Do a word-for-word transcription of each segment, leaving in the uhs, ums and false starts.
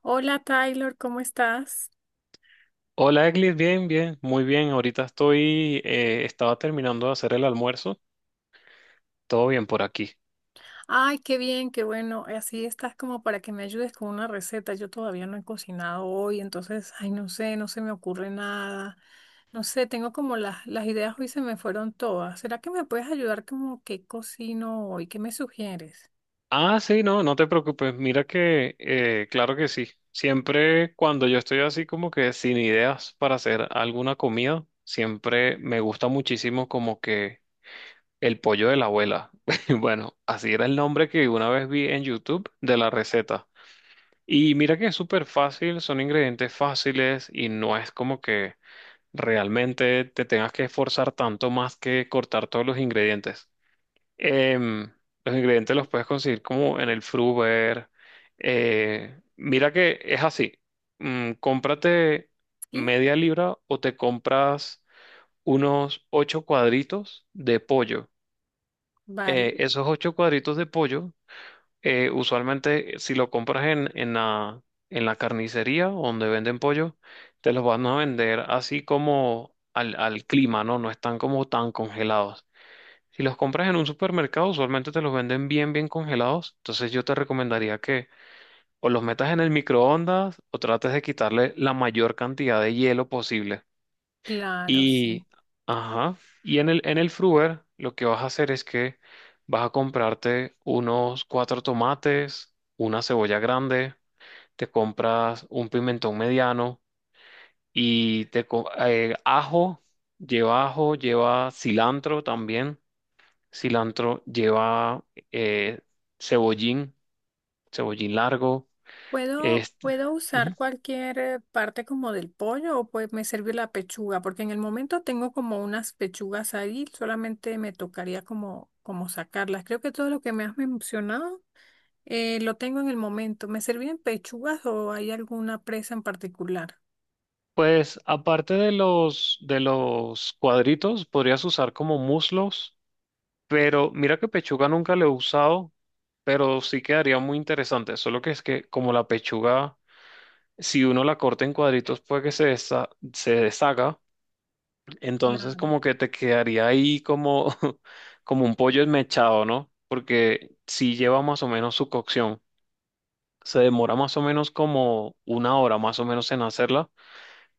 Hola Taylor, ¿cómo estás? Hola, Eglis, bien, bien, muy bien. Ahorita estoy, eh, estaba terminando de hacer el almuerzo. Todo bien por aquí. Ay, qué bien, qué bueno. Así estás como para que me ayudes con una receta. Yo todavía no he cocinado hoy, entonces, ay, no sé, no se me ocurre nada. No sé, tengo como las, las ideas hoy se me fueron todas. ¿Será que me puedes ayudar como qué cocino hoy? ¿Qué me sugieres? Ah, sí, no, no te preocupes. Mira que, eh, claro que sí. Siempre cuando yo estoy así como que sin ideas para hacer alguna comida, siempre me gusta muchísimo como que el pollo de la abuela. Bueno, así era el nombre que una vez vi en YouTube de la receta. Y mira que es súper fácil, son ingredientes fáciles y no es como que realmente te tengas que esforzar tanto más que cortar todos los ingredientes. Em, los ingredientes los puedes conseguir como en el Fruver. Eh, mira que es así. Mm, cómprate Sí, media libra o te compras unos ocho cuadritos de pollo. vale, Eh, esos ocho cuadritos de pollo eh, usualmente, si lo compras en, en la, en la carnicería donde venden pollo, te los van a vender así como al, al clima, ¿no? No están como tan congelados. Si los compras en un supermercado, usualmente te los venden bien, bien congelados. Entonces yo te recomendaría que o los metas en el microondas o trates de quitarle la mayor cantidad de hielo posible. claro, sí. Y, ajá, y en el, en el Fruver lo que vas a hacer es que vas a comprarte unos cuatro tomates, una cebolla grande, te compras un pimentón mediano y te co- eh, ajo, lleva ajo, lleva cilantro también, cilantro lleva eh, cebollín, cebollín largo, ¿Puedo, este, puedo usar ujú. cualquier eh, parte como del pollo o pues me sirve la pechuga? Porque en el momento tengo como unas pechugas ahí, solamente me tocaría como, como sacarlas. Creo que todo lo que me has mencionado eh, lo tengo en el momento. ¿Me servían pechugas o hay alguna presa en particular? Pues aparte de los de los cuadritos, podrías usar como muslos. Pero mira que pechuga nunca lo he usado, pero sí quedaría muy interesante. Solo que es que como la pechuga, si uno la corta en cuadritos, puede que se desa se deshaga. Entonces Claro. como que te quedaría ahí como, como un pollo esmechado, ¿no? Porque sí lleva más o menos su cocción. Se demora más o menos como una hora más o menos en hacerla,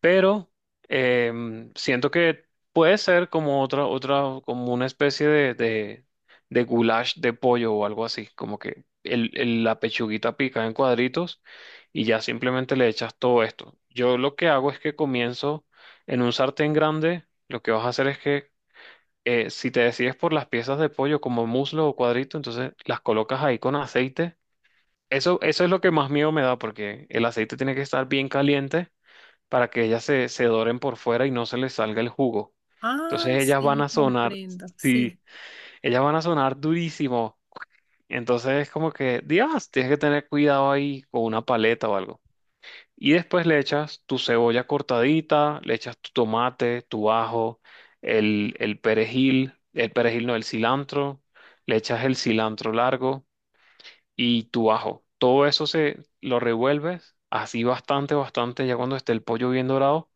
pero em, siento que puede ser como otra, otra, como una especie de, de, de goulash de pollo o algo así, como que el, el- la pechuguita pica en cuadritos y ya simplemente le echas todo esto. Yo lo que hago es que comienzo en un sartén grande, lo que vas a hacer es que eh, si te decides por las piezas de pollo como muslo o cuadrito, entonces las colocas ahí con aceite. Eso, eso es lo que más miedo me da porque el aceite tiene que estar bien caliente para que ellas se, se doren por fuera y no se les salga el jugo. Ah, Entonces ellas van sí, a sonar, comprendo, sí, sí. ellas van a sonar durísimo. Entonces es como que, Dios, tienes que tener cuidado ahí con una paleta o algo. Y después le echas tu cebolla cortadita, le echas tu tomate, tu ajo, el, el perejil, el perejil no, el cilantro, le echas el cilantro largo y tu ajo. Todo eso se lo revuelves así bastante, bastante, ya cuando esté el pollo bien dorado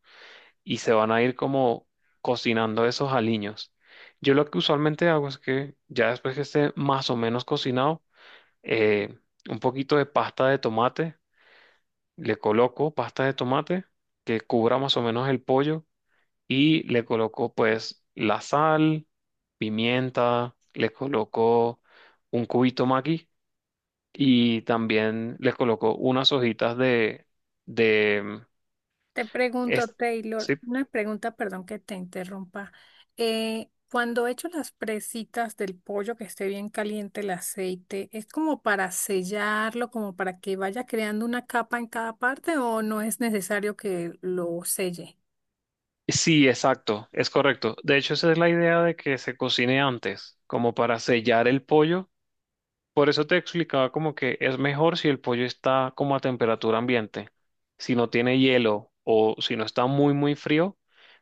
y se van a ir como cocinando esos aliños. Yo lo que usualmente hago es que ya después que esté más o menos cocinado, eh, un poquito de pasta de tomate, le coloco pasta de tomate que cubra más o menos el pollo y le coloco pues la sal, pimienta, le coloco un cubito maqui y también le coloco unas hojitas de, de, Te pregunto, es- Taylor, sí. una pregunta, perdón que te interrumpa. Eh, cuando echo las presitas del pollo que esté bien caliente el aceite, ¿es como para sellarlo, como para que vaya creando una capa en cada parte o no es necesario que lo selle? Sí, exacto, es correcto. De hecho, esa es la idea de que se cocine antes, como para sellar el pollo. Por eso te explicaba como que es mejor si el pollo está como a temperatura ambiente, si no tiene hielo o si no está muy, muy frío,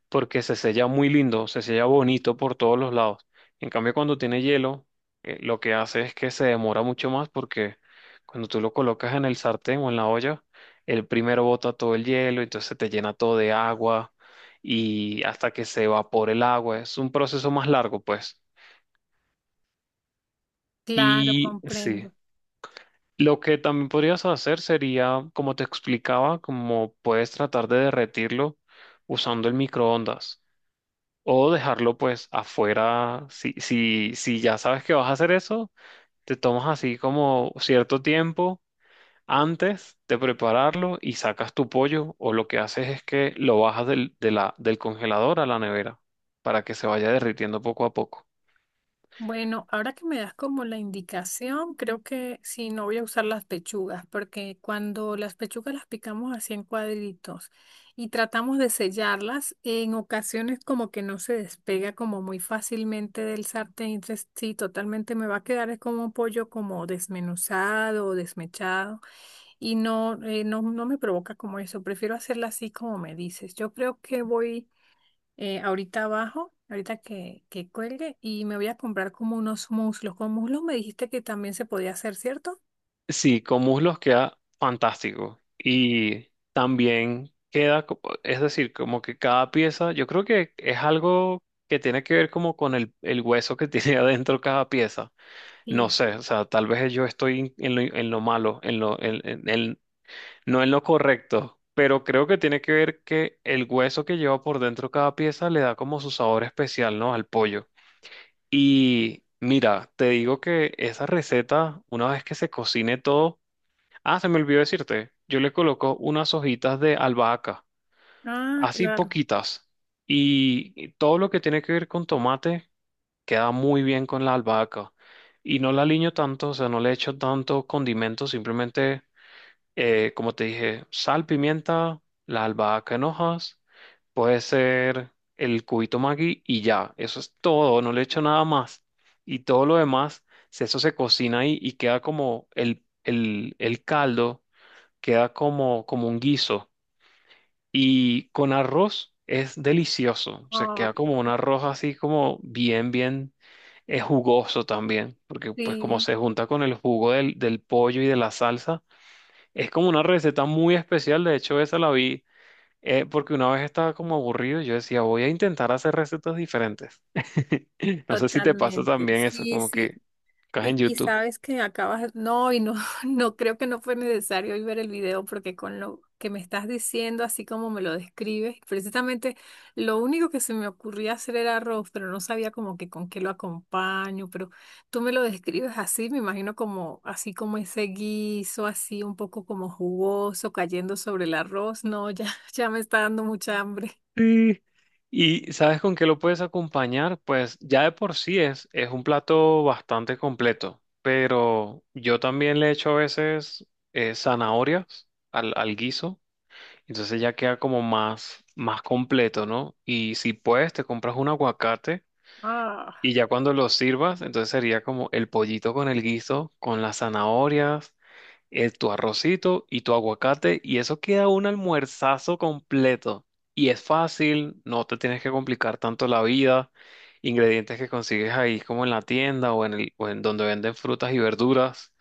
porque se sella muy lindo, se sella bonito por todos los lados. En cambio, cuando tiene hielo, eh, lo que hace es que se demora mucho más porque cuando tú lo colocas en el sartén o en la olla, el primero bota todo el hielo, entonces te llena todo de agua y hasta que se evapore el agua, es un proceso más largo, pues. Claro, Y comprendo. sí. Lo que también podrías hacer sería, como te explicaba, como puedes tratar de derretirlo usando el microondas o dejarlo pues afuera. Si, si, si ya sabes que vas a hacer eso, te tomas así como cierto tiempo antes de prepararlo y sacas tu pollo o lo que haces es que lo bajas del, de la, del congelador a la nevera para que se vaya derritiendo poco a poco. Bueno, ahora que me das como la indicación, creo que sí, no voy a usar las pechugas, porque cuando las pechugas las picamos así en cuadritos y tratamos de sellarlas, en ocasiones como que no se despega como muy fácilmente del sartén, entonces sí, totalmente me va a quedar es como un pollo como desmenuzado o desmechado y no, eh, no, no me provoca como eso, prefiero hacerla así como me dices. Yo creo que voy eh, ahorita abajo, ahorita que, que cuelgue, y me voy a comprar como unos muslos. Con muslos me dijiste que también se podía hacer, ¿cierto? Sí, con muslos queda fantástico. Y también queda, co- es decir, como que cada pieza, yo creo que es algo que tiene que ver como con el, el hueso que tiene adentro cada pieza. No Sí. sé, o sea, tal vez yo estoy en lo, en lo malo, en lo, en, en- en- no en lo correcto, pero creo que tiene que ver que el hueso que lleva por dentro cada pieza le da como su sabor especial, ¿no? Al pollo. Y mira, te digo que esa receta, una vez que se cocine todo. Ah, se me olvidó decirte, yo le coloco unas hojitas de albahaca, Ah, así claro. poquitas, y y todo lo que tiene que ver con tomate queda muy bien con la albahaca. Y no la aliño tanto, o sea, no le echo tanto condimento, simplemente, eh, como te dije, sal, pimienta, la albahaca en hojas, puede ser el cubito Maggi y ya, eso es todo, no le echo nada más. Y todo lo demás, si eso se cocina ahí y queda como el, el el caldo, queda como, como un guiso. Y con arroz es delicioso. O sea, Ah, queda como un arroz así como bien, bien eh, jugoso también. Porque pues como sí, se junta con el jugo del, del pollo y de la salsa, es como una receta muy especial. De hecho, esa la vi eh, porque una vez estaba como aburrido y yo decía, voy a intentar hacer recetas diferentes. No sé si te pasa totalmente. también eso, Sí, como sí. que estás en Y, y YouTube. sabes que acabas, no, y no, no creo que no fue necesario hoy ver el video porque con lo que me estás diciendo, así como me lo describes, precisamente lo único que se me ocurría hacer era arroz, pero no sabía como que con qué lo acompaño, pero tú me lo describes así, me imagino como, así como ese guiso, así un poco como jugoso, cayendo sobre el arroz, no, ya, ya me está dando mucha hambre. Sí. ¿Y sabes con qué lo puedes acompañar? Pues ya de por sí es, es un plato bastante completo, pero yo también le echo a veces eh, zanahorias al, al guiso, entonces ya queda como más, más completo, ¿no? Y si puedes, te compras un aguacate Ah. y ya cuando lo sirvas, entonces sería como el pollito con el guiso, con las zanahorias, eh, tu arrocito y tu aguacate y eso queda un almuerzazo completo. Y es fácil, no te tienes que complicar tanto la vida. Ingredientes que consigues ahí como en la tienda o en el, o en donde venden frutas y verduras.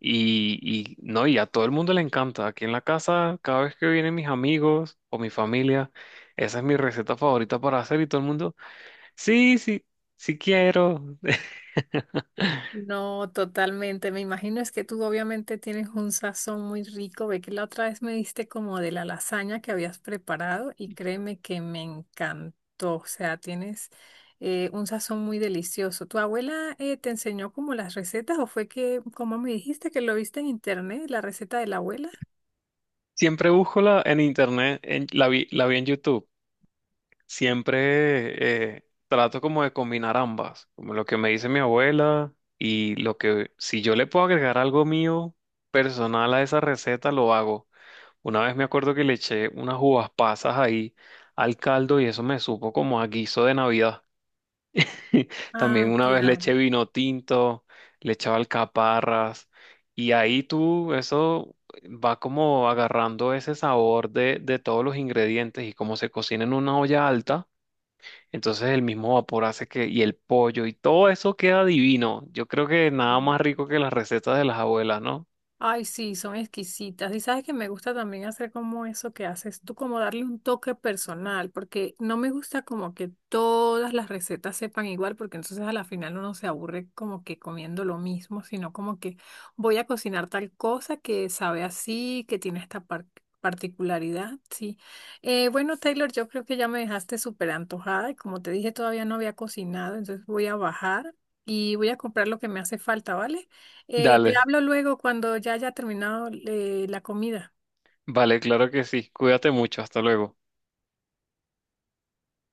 Y, y no, y a todo el mundo le encanta. Aquí en la casa, cada vez que vienen mis amigos o mi familia, esa es mi receta favorita para hacer y todo el mundo, sí, sí, sí quiero. No, totalmente. Me imagino es que tú obviamente tienes un sazón muy rico. Ve que la otra vez me diste como de la lasaña que habías preparado y créeme que me encantó. O sea, tienes eh, un sazón muy delicioso. ¿Tu abuela eh, te enseñó como las recetas o fue que, como me dijiste, que lo viste en internet, la receta de la abuela? Siempre busco la en internet, en- la vi, la vi en YouTube. Siempre eh, trato como de combinar ambas, como lo que me dice mi abuela y lo que si yo le puedo agregar algo mío personal a esa receta, lo hago. Una vez me acuerdo que le eché unas uvas pasas ahí al caldo y eso me supo como a guiso de Navidad. Ah, También una vez le claro. eché vino tinto, le echaba alcaparras y ahí tú, eso va como agarrando ese sabor de, de todos los ingredientes y como se cocina en una olla alta, entonces el mismo vapor hace que, y el pollo y todo eso queda divino. Yo creo que nada más rico que las recetas de las abuelas, ¿no? Ay, sí, son exquisitas. Y sabes que me gusta también hacer como eso que haces tú, como darle un toque personal, porque no me gusta como que todas las recetas sepan igual, porque entonces a la final uno se aburre como que comiendo lo mismo, sino como que voy a cocinar tal cosa que sabe así, que tiene esta par- particularidad, sí. Eh, bueno, Taylor, yo creo que ya me dejaste súper antojada y como te dije, todavía no había cocinado, entonces voy a bajar y voy a comprar lo que me hace falta, ¿vale? Eh, te Dale, hablo luego cuando ya haya terminado eh, la comida. vale, claro que sí. Cuídate mucho, hasta luego.